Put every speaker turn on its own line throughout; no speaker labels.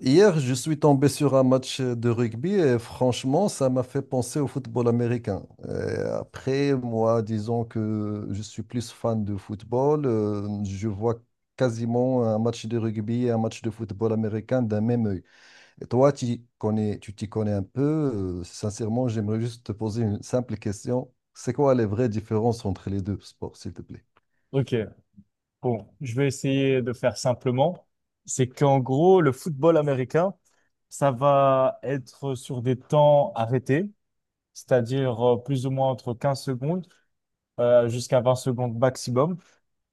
Hier, je suis tombé sur un match de rugby et franchement, ça m'a fait penser au football américain. Et après, moi, disons que je suis plus fan de football, je vois quasiment un match de rugby et un match de football américain d'un même œil. Et toi, tu t'y connais un peu. Sincèrement, j'aimerais juste te poser une simple question. C'est quoi les vraies différences entre les deux sports, s'il te plaît?
Ok, bon, je vais essayer de faire simplement. C'est qu'en gros, le football américain, ça va être sur des temps arrêtés, c'est-à-dire plus ou moins entre 15 secondes jusqu'à 20 secondes maximum.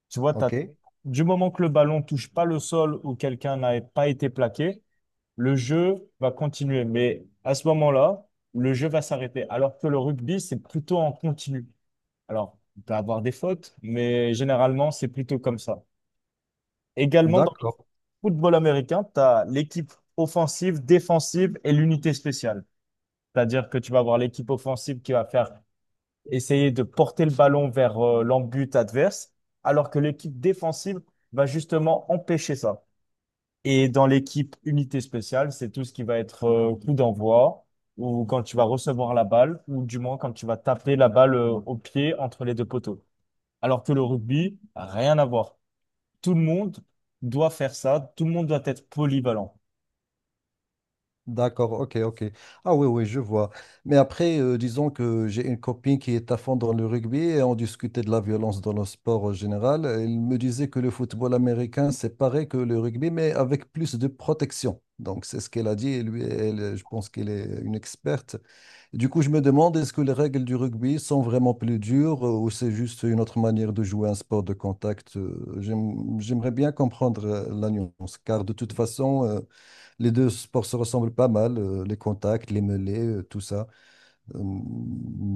Tu vois, t'as,
OK.
du moment que le ballon touche pas le sol ou quelqu'un n'a pas été plaqué, le jeu va continuer. Mais à ce moment-là, le jeu va s'arrêter. Alors que le rugby, c'est plutôt en continu. Alors, on peut avoir des fautes, mais généralement, c'est plutôt comme ça. Également, dans le
D'accord.
football américain, tu as l'équipe offensive, défensive et l'unité spéciale. C'est-à-dire que tu vas avoir l'équipe offensive qui va faire essayer de porter le ballon vers l'embut adverse, alors que l'équipe défensive va justement empêcher ça. Et dans l'équipe unité spéciale, c'est tout ce qui va être coup d'envoi ou quand tu vas recevoir la balle ou du moins quand tu vas taper la balle au pied entre les deux poteaux. Alors que le rugby, rien à voir, tout le monde doit faire ça, tout le monde doit être polyvalent.
D'accord, ok, ok. Ah oui, oui, je vois. Mais après, disons que j'ai une copine qui est à fond dans le rugby et on discutait de la violence dans le sport en général. Elle me disait que le football américain, c'est pareil que le rugby, mais avec plus de protection. Donc, c'est ce qu'elle a dit et lui, elle, je pense qu'elle est une experte. Du coup, je me demande, est-ce que les règles du rugby sont vraiment plus dures ou c'est juste une autre manière de jouer un sport de contact? J'aimerais bien comprendre la nuance, car de toute façon... les deux sports se ressemblent pas mal, les contacts, les mêlées, tout ça. Euh,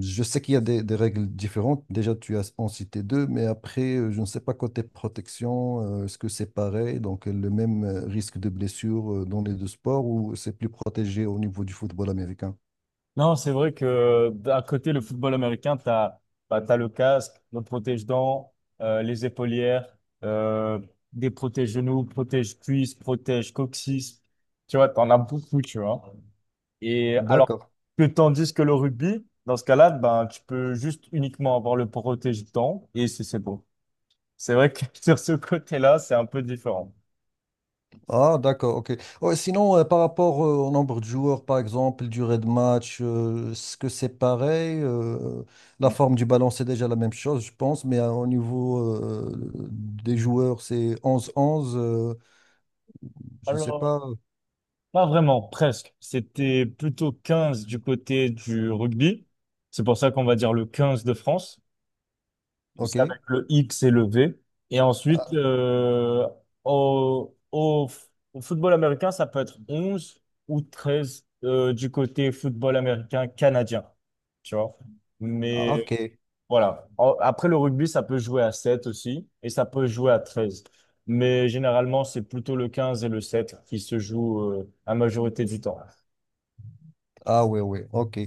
je sais qu'il y a des règles différentes. Déjà, tu as en cité deux, mais après, je ne sais pas côté protection, est-ce que c'est pareil? Donc, le même risque de blessure dans les deux sports ou c'est plus protégé au niveau du football américain?
Non, c'est vrai que d'un côté, le football américain, tu as le casque, le protège-dents, les épaulières, euh, des protège-genoux, protège-cuisses, protège-coccyx. Tu vois, tu en as beaucoup, tu vois. Et alors
D'accord.
que tandis que le rugby, dans ce cas-là, ben, tu peux juste uniquement avoir le protège-dents et c'est beau. C'est vrai que sur ce côté-là, c'est un peu différent.
Ah, d'accord, ok. Ouais, sinon, par rapport au nombre de joueurs, par exemple, durée de match, est-ce que c'est pareil? La forme du ballon, c'est déjà la même chose, je pense, mais au niveau des joueurs, c'est onze onze. Je ne sais
Alors,
pas.
pas vraiment, presque. C'était plutôt 15 du côté du rugby. C'est pour ça qu'on va dire le 15 de France.
Ok.
C'est avec le X et le V. Et ensuite,
Ah,
au football américain, ça peut être 11 ou 13 du côté football américain canadien. Tu vois?
ah, ok.
Mais voilà. Après le rugby, ça peut jouer à 7 aussi. Et ça peut jouer à 13. Mais généralement, c'est plutôt le 15 et le 7 qui se jouent la majorité du temps.
Ah oui, oui, ok.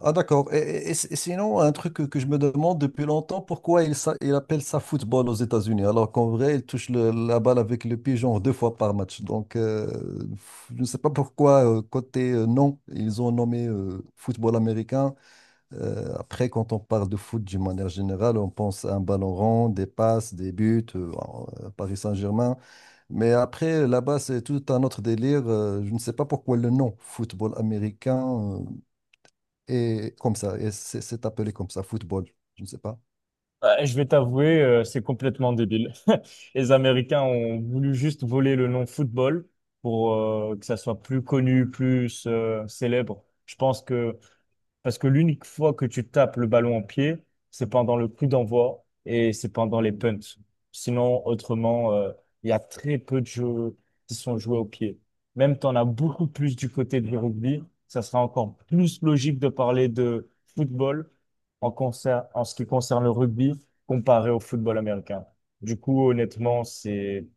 Ah d'accord. Et sinon, un truc que je me demande depuis longtemps, pourquoi il appelle ça football aux États-Unis, alors qu'en vrai, la balle avec le pied genre deux fois par match. Donc, je ne sais pas pourquoi, côté nom, ils ont nommé football américain. Après, quand on parle de foot d'une manière générale, on pense à un ballon rond, des passes, des buts, Paris Saint-Germain. Mais après, là-bas, c'est tout un autre délire. Je ne sais pas pourquoi le nom football américain. euh, et comme ça, et c'est appelé comme ça, football, je ne sais pas.
Ouais, je vais t'avouer, c'est complètement débile. Les Américains ont voulu juste voler le nom football pour que ça soit plus connu, plus célèbre. Je pense que parce que l'unique fois que tu tapes le ballon en pied, c'est pendant le coup d'envoi et c'est pendant les punts. Sinon, autrement, il y a très peu de jeux qui sont joués au pied. Même tu en as beaucoup plus du côté du rugby. Ça sera encore plus logique de parler de football en ce qui concerne le rugby comparé au football américain. Du coup, honnêtement, c'est,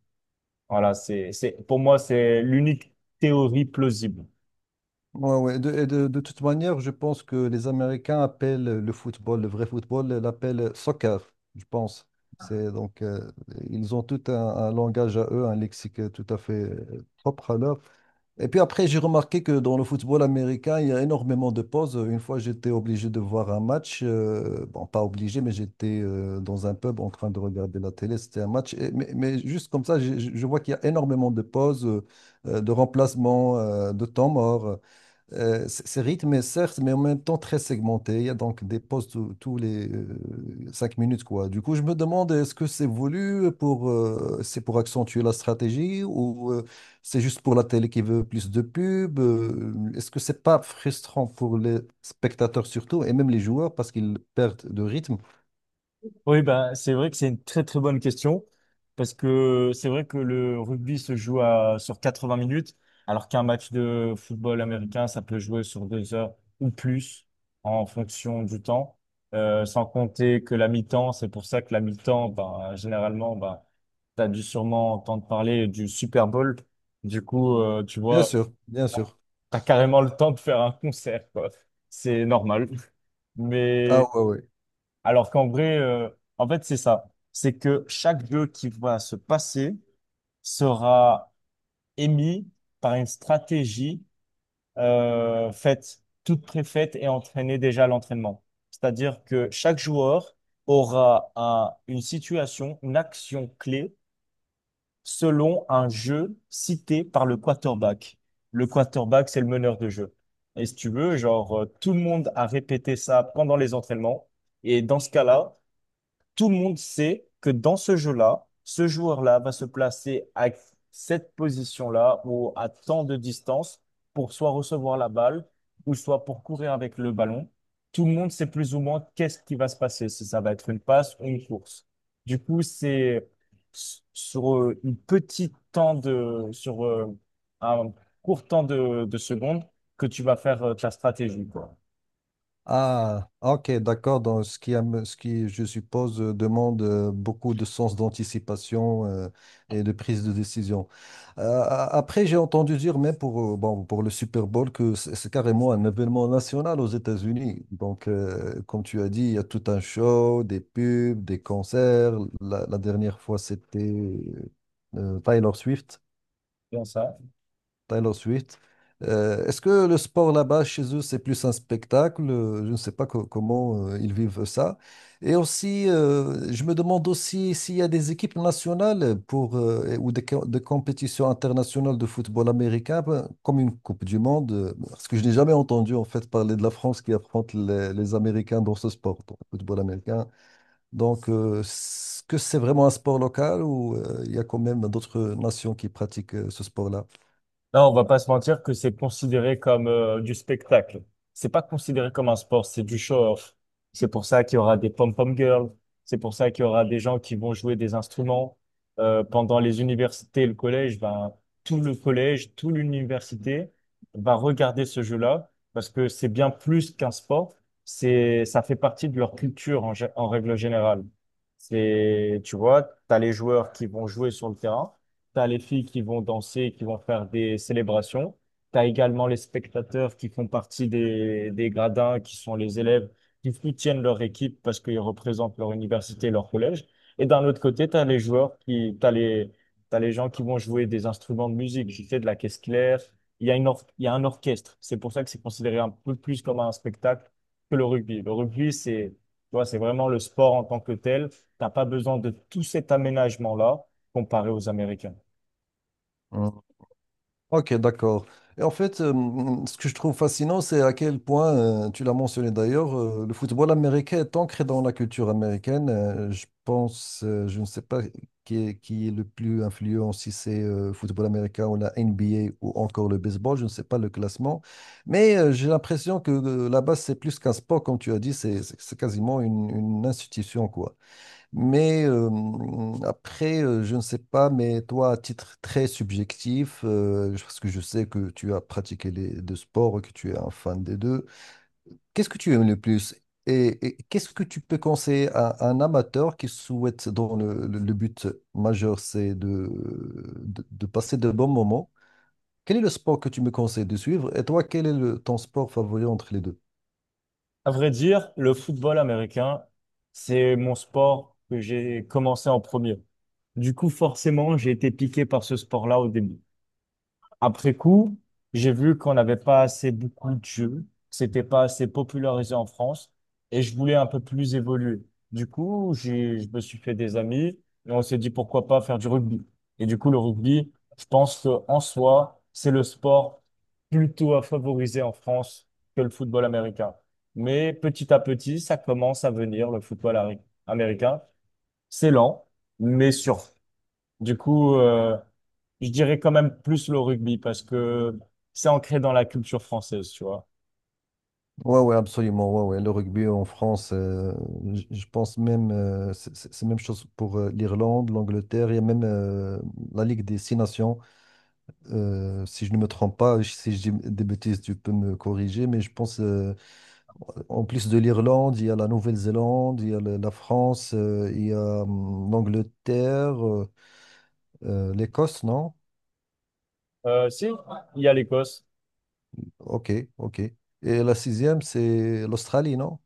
voilà, c'est, c'est, pour moi, c'est l'unique théorie plausible.
Ouais, ouais. De toute manière, je pense que les Américains appellent le football, le vrai football, ils l'appellent soccer, je pense. C'est donc, euh, Ils ont tout un langage à eux, un lexique tout à fait propre à leur. Et puis après, j'ai remarqué que dans le football américain, il y a énormément de pauses. Une fois, j'étais obligé de voir un match. Bon, pas obligé, mais j'étais dans un pub en train de regarder la télé. C'était un match. Mais juste comme ça, je vois qu'il y a énormément de pauses, de remplacements, de temps mort. C'est rythmé, certes, mais en même temps très segmenté. Il y a donc des pauses tous les cinq minutes, quoi. Du coup, je me demande, est-ce que c'est voulu pour, c'est pour accentuer la stratégie ou c'est juste pour la télé qui veut plus de pubs? Est-ce que c'est pas frustrant pour les spectateurs surtout et même les joueurs parce qu'ils perdent de rythme?
Oui, bah, c'est vrai que c'est une très très bonne question parce que c'est vrai que le rugby se joue sur 80 minutes alors qu'un match de football américain, ça peut jouer sur deux heures ou plus en fonction du temps. Sans compter que la mi-temps, c'est pour ça que la mi-temps, bah, généralement, bah, tu as dû sûrement entendre parler du Super Bowl. Du coup, tu
Bien
vois,
sûr, bien sûr.
tu as carrément le temps de faire un concert, quoi. C'est normal.
Ah
Mais
ouais, ouais.
alors qu'en vrai, en fait, c'est ça. C'est que chaque jeu qui va se passer sera émis par une stratégie faite, toute préfaite et entraînée déjà à l'entraînement. C'est-à-dire que chaque joueur aura une situation, une action clé selon un jeu cité par le quarterback. Le quarterback, c'est le meneur de jeu. Et si tu veux, genre, tout le monde a répété ça pendant les entraînements. Et dans ce cas-là, tout le monde sait que dans ce jeu-là, ce joueur-là va se placer à cette position-là ou à tant de distance pour soit recevoir la balle ou soit pour courir avec le ballon. Tout le monde sait plus ou moins qu'est-ce qui va se passer, si ça va être une passe ou une course. Du coup, c'est sur une petite temps de, sur un court temps de secondes que tu vas faire ta stratégie, quoi.
Ah, ok, d'accord. Donc, ce qui, je suppose, demande beaucoup de sens d'anticipation et de prise de décision. Après, j'ai entendu dire, mais pour, bon, pour le Super Bowl, que c'est carrément un événement national aux États-Unis. Donc, comme tu as dit, il y a tout un show, des pubs, des concerts. La dernière fois, c'était Taylor Swift.
Bien ça.
Taylor Swift. Est-ce que le sport là-bas, chez eux, c'est plus un spectacle? Je ne sais pas comment ils vivent ça. Et aussi, je me demande aussi s'il y a des équipes nationales pour, ou des compétitions internationales de football américain, ben, comme une Coupe du Monde, parce que je n'ai jamais entendu en fait parler de la France qui affronte les Américains dans ce sport, dans le football américain. Donc, est-ce que c'est vraiment un sport local ou il y a quand même d'autres nations qui pratiquent ce sport-là?
Là, on va pas se mentir que c'est considéré comme du spectacle. C'est pas considéré comme un sport, c'est du show-off. C'est pour ça qu'il y aura des pom-pom girls. C'est pour ça qu'il y aura des gens qui vont jouer des instruments. Pendant les universités et le collège, ben, tout le collège, toute l'université va regarder ce jeu-là parce que c'est bien plus qu'un sport. C'est, ça fait partie de leur culture en règle générale. C'est, tu vois, t'as les joueurs qui vont jouer sur le terrain. Tu as les filles qui vont danser, qui vont faire des célébrations. Tu as également les spectateurs qui font partie des gradins, qui sont les élèves qui soutiennent leur équipe parce qu'ils représentent leur université, leur collège. Et d'un autre côté, tu as les joueurs qui, t'as les gens qui vont jouer des instruments de musique. J'ai fait de la caisse claire. Il y a il y a un orchestre. C'est pour ça que c'est considéré un peu plus comme un spectacle que le rugby. Le rugby, c'est, tu vois, c'est vraiment le sport en tant que tel. T'as pas besoin de tout cet aménagement-là comparé aux Américains.
Hein. Ok, d'accord. Et en fait, ce que je trouve fascinant, c'est à quel point, tu l'as mentionné d'ailleurs, le football américain est ancré dans la culture américaine. Je ne sais pas qui est le plus influent, si c'est football américain ou la NBA ou encore le baseball, je ne sais pas le classement. Mais j'ai l'impression que là-bas, c'est plus qu'un sport, comme tu as dit, c'est quasiment une institution, quoi. Mais après, je ne sais pas, mais toi, à titre très subjectif, parce que je sais que tu as pratiqué les deux sports, et que tu es un fan des deux, qu'est-ce que tu aimes le plus? Qu'est-ce que tu peux conseiller à un amateur qui souhaite, dont le but majeur, c'est de passer de bons moments? Quel est le sport que tu me conseilles de suivre? Et toi, quel est ton sport favori entre les deux?
À vrai dire, le football américain, c'est mon sport que j'ai commencé en premier. Du coup, forcément, j'ai été piqué par ce sport-là au début. Après coup, j'ai vu qu'on n'avait pas assez beaucoup de jeux, que c'était pas assez popularisé en France, et je voulais un peu plus évoluer. Du coup, je me suis fait des amis, et on s'est dit pourquoi pas faire du rugby. Et du coup, le rugby, je pense que en soi, c'est le sport plutôt à favoriser en France que le football américain. Mais petit à petit, ça commence à venir, le football américain. C'est lent, mais sur du coup, je dirais quand même plus le rugby parce que c'est ancré dans la culture française, tu vois.
Ouais, ouais, absolument. Ouais, ouais. Le rugby en France, je pense même, c'est la même chose pour l'Irlande, l'Angleterre. Il y a même la Ligue des Six Nations. Si je ne me trompe pas, si je dis des bêtises, tu peux me corriger. Mais je pense, en plus de l'Irlande, il y a la Nouvelle-Zélande, il y a la France, il y a l'Angleterre, l'Écosse, non?
Si, il y a l'Écosse.
Ok, ok. Et la sixième, c'est l'Australie, non?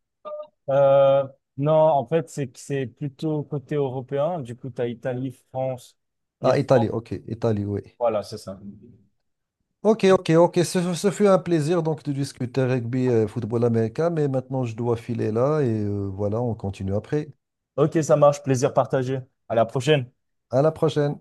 Euh, non, en fait, c'est que c'est plutôt côté européen. Du coup, tu as Italie, France,
Ah,
Irlande.
Italie, ok. Italie, oui.
Voilà, c'est ça.
Ok, ok, ok. Ce fut un plaisir donc de discuter rugby et football américain, mais maintenant je dois filer là et voilà, on continue après.
Ok, ça marche. Plaisir partagé. À la prochaine.
À la prochaine.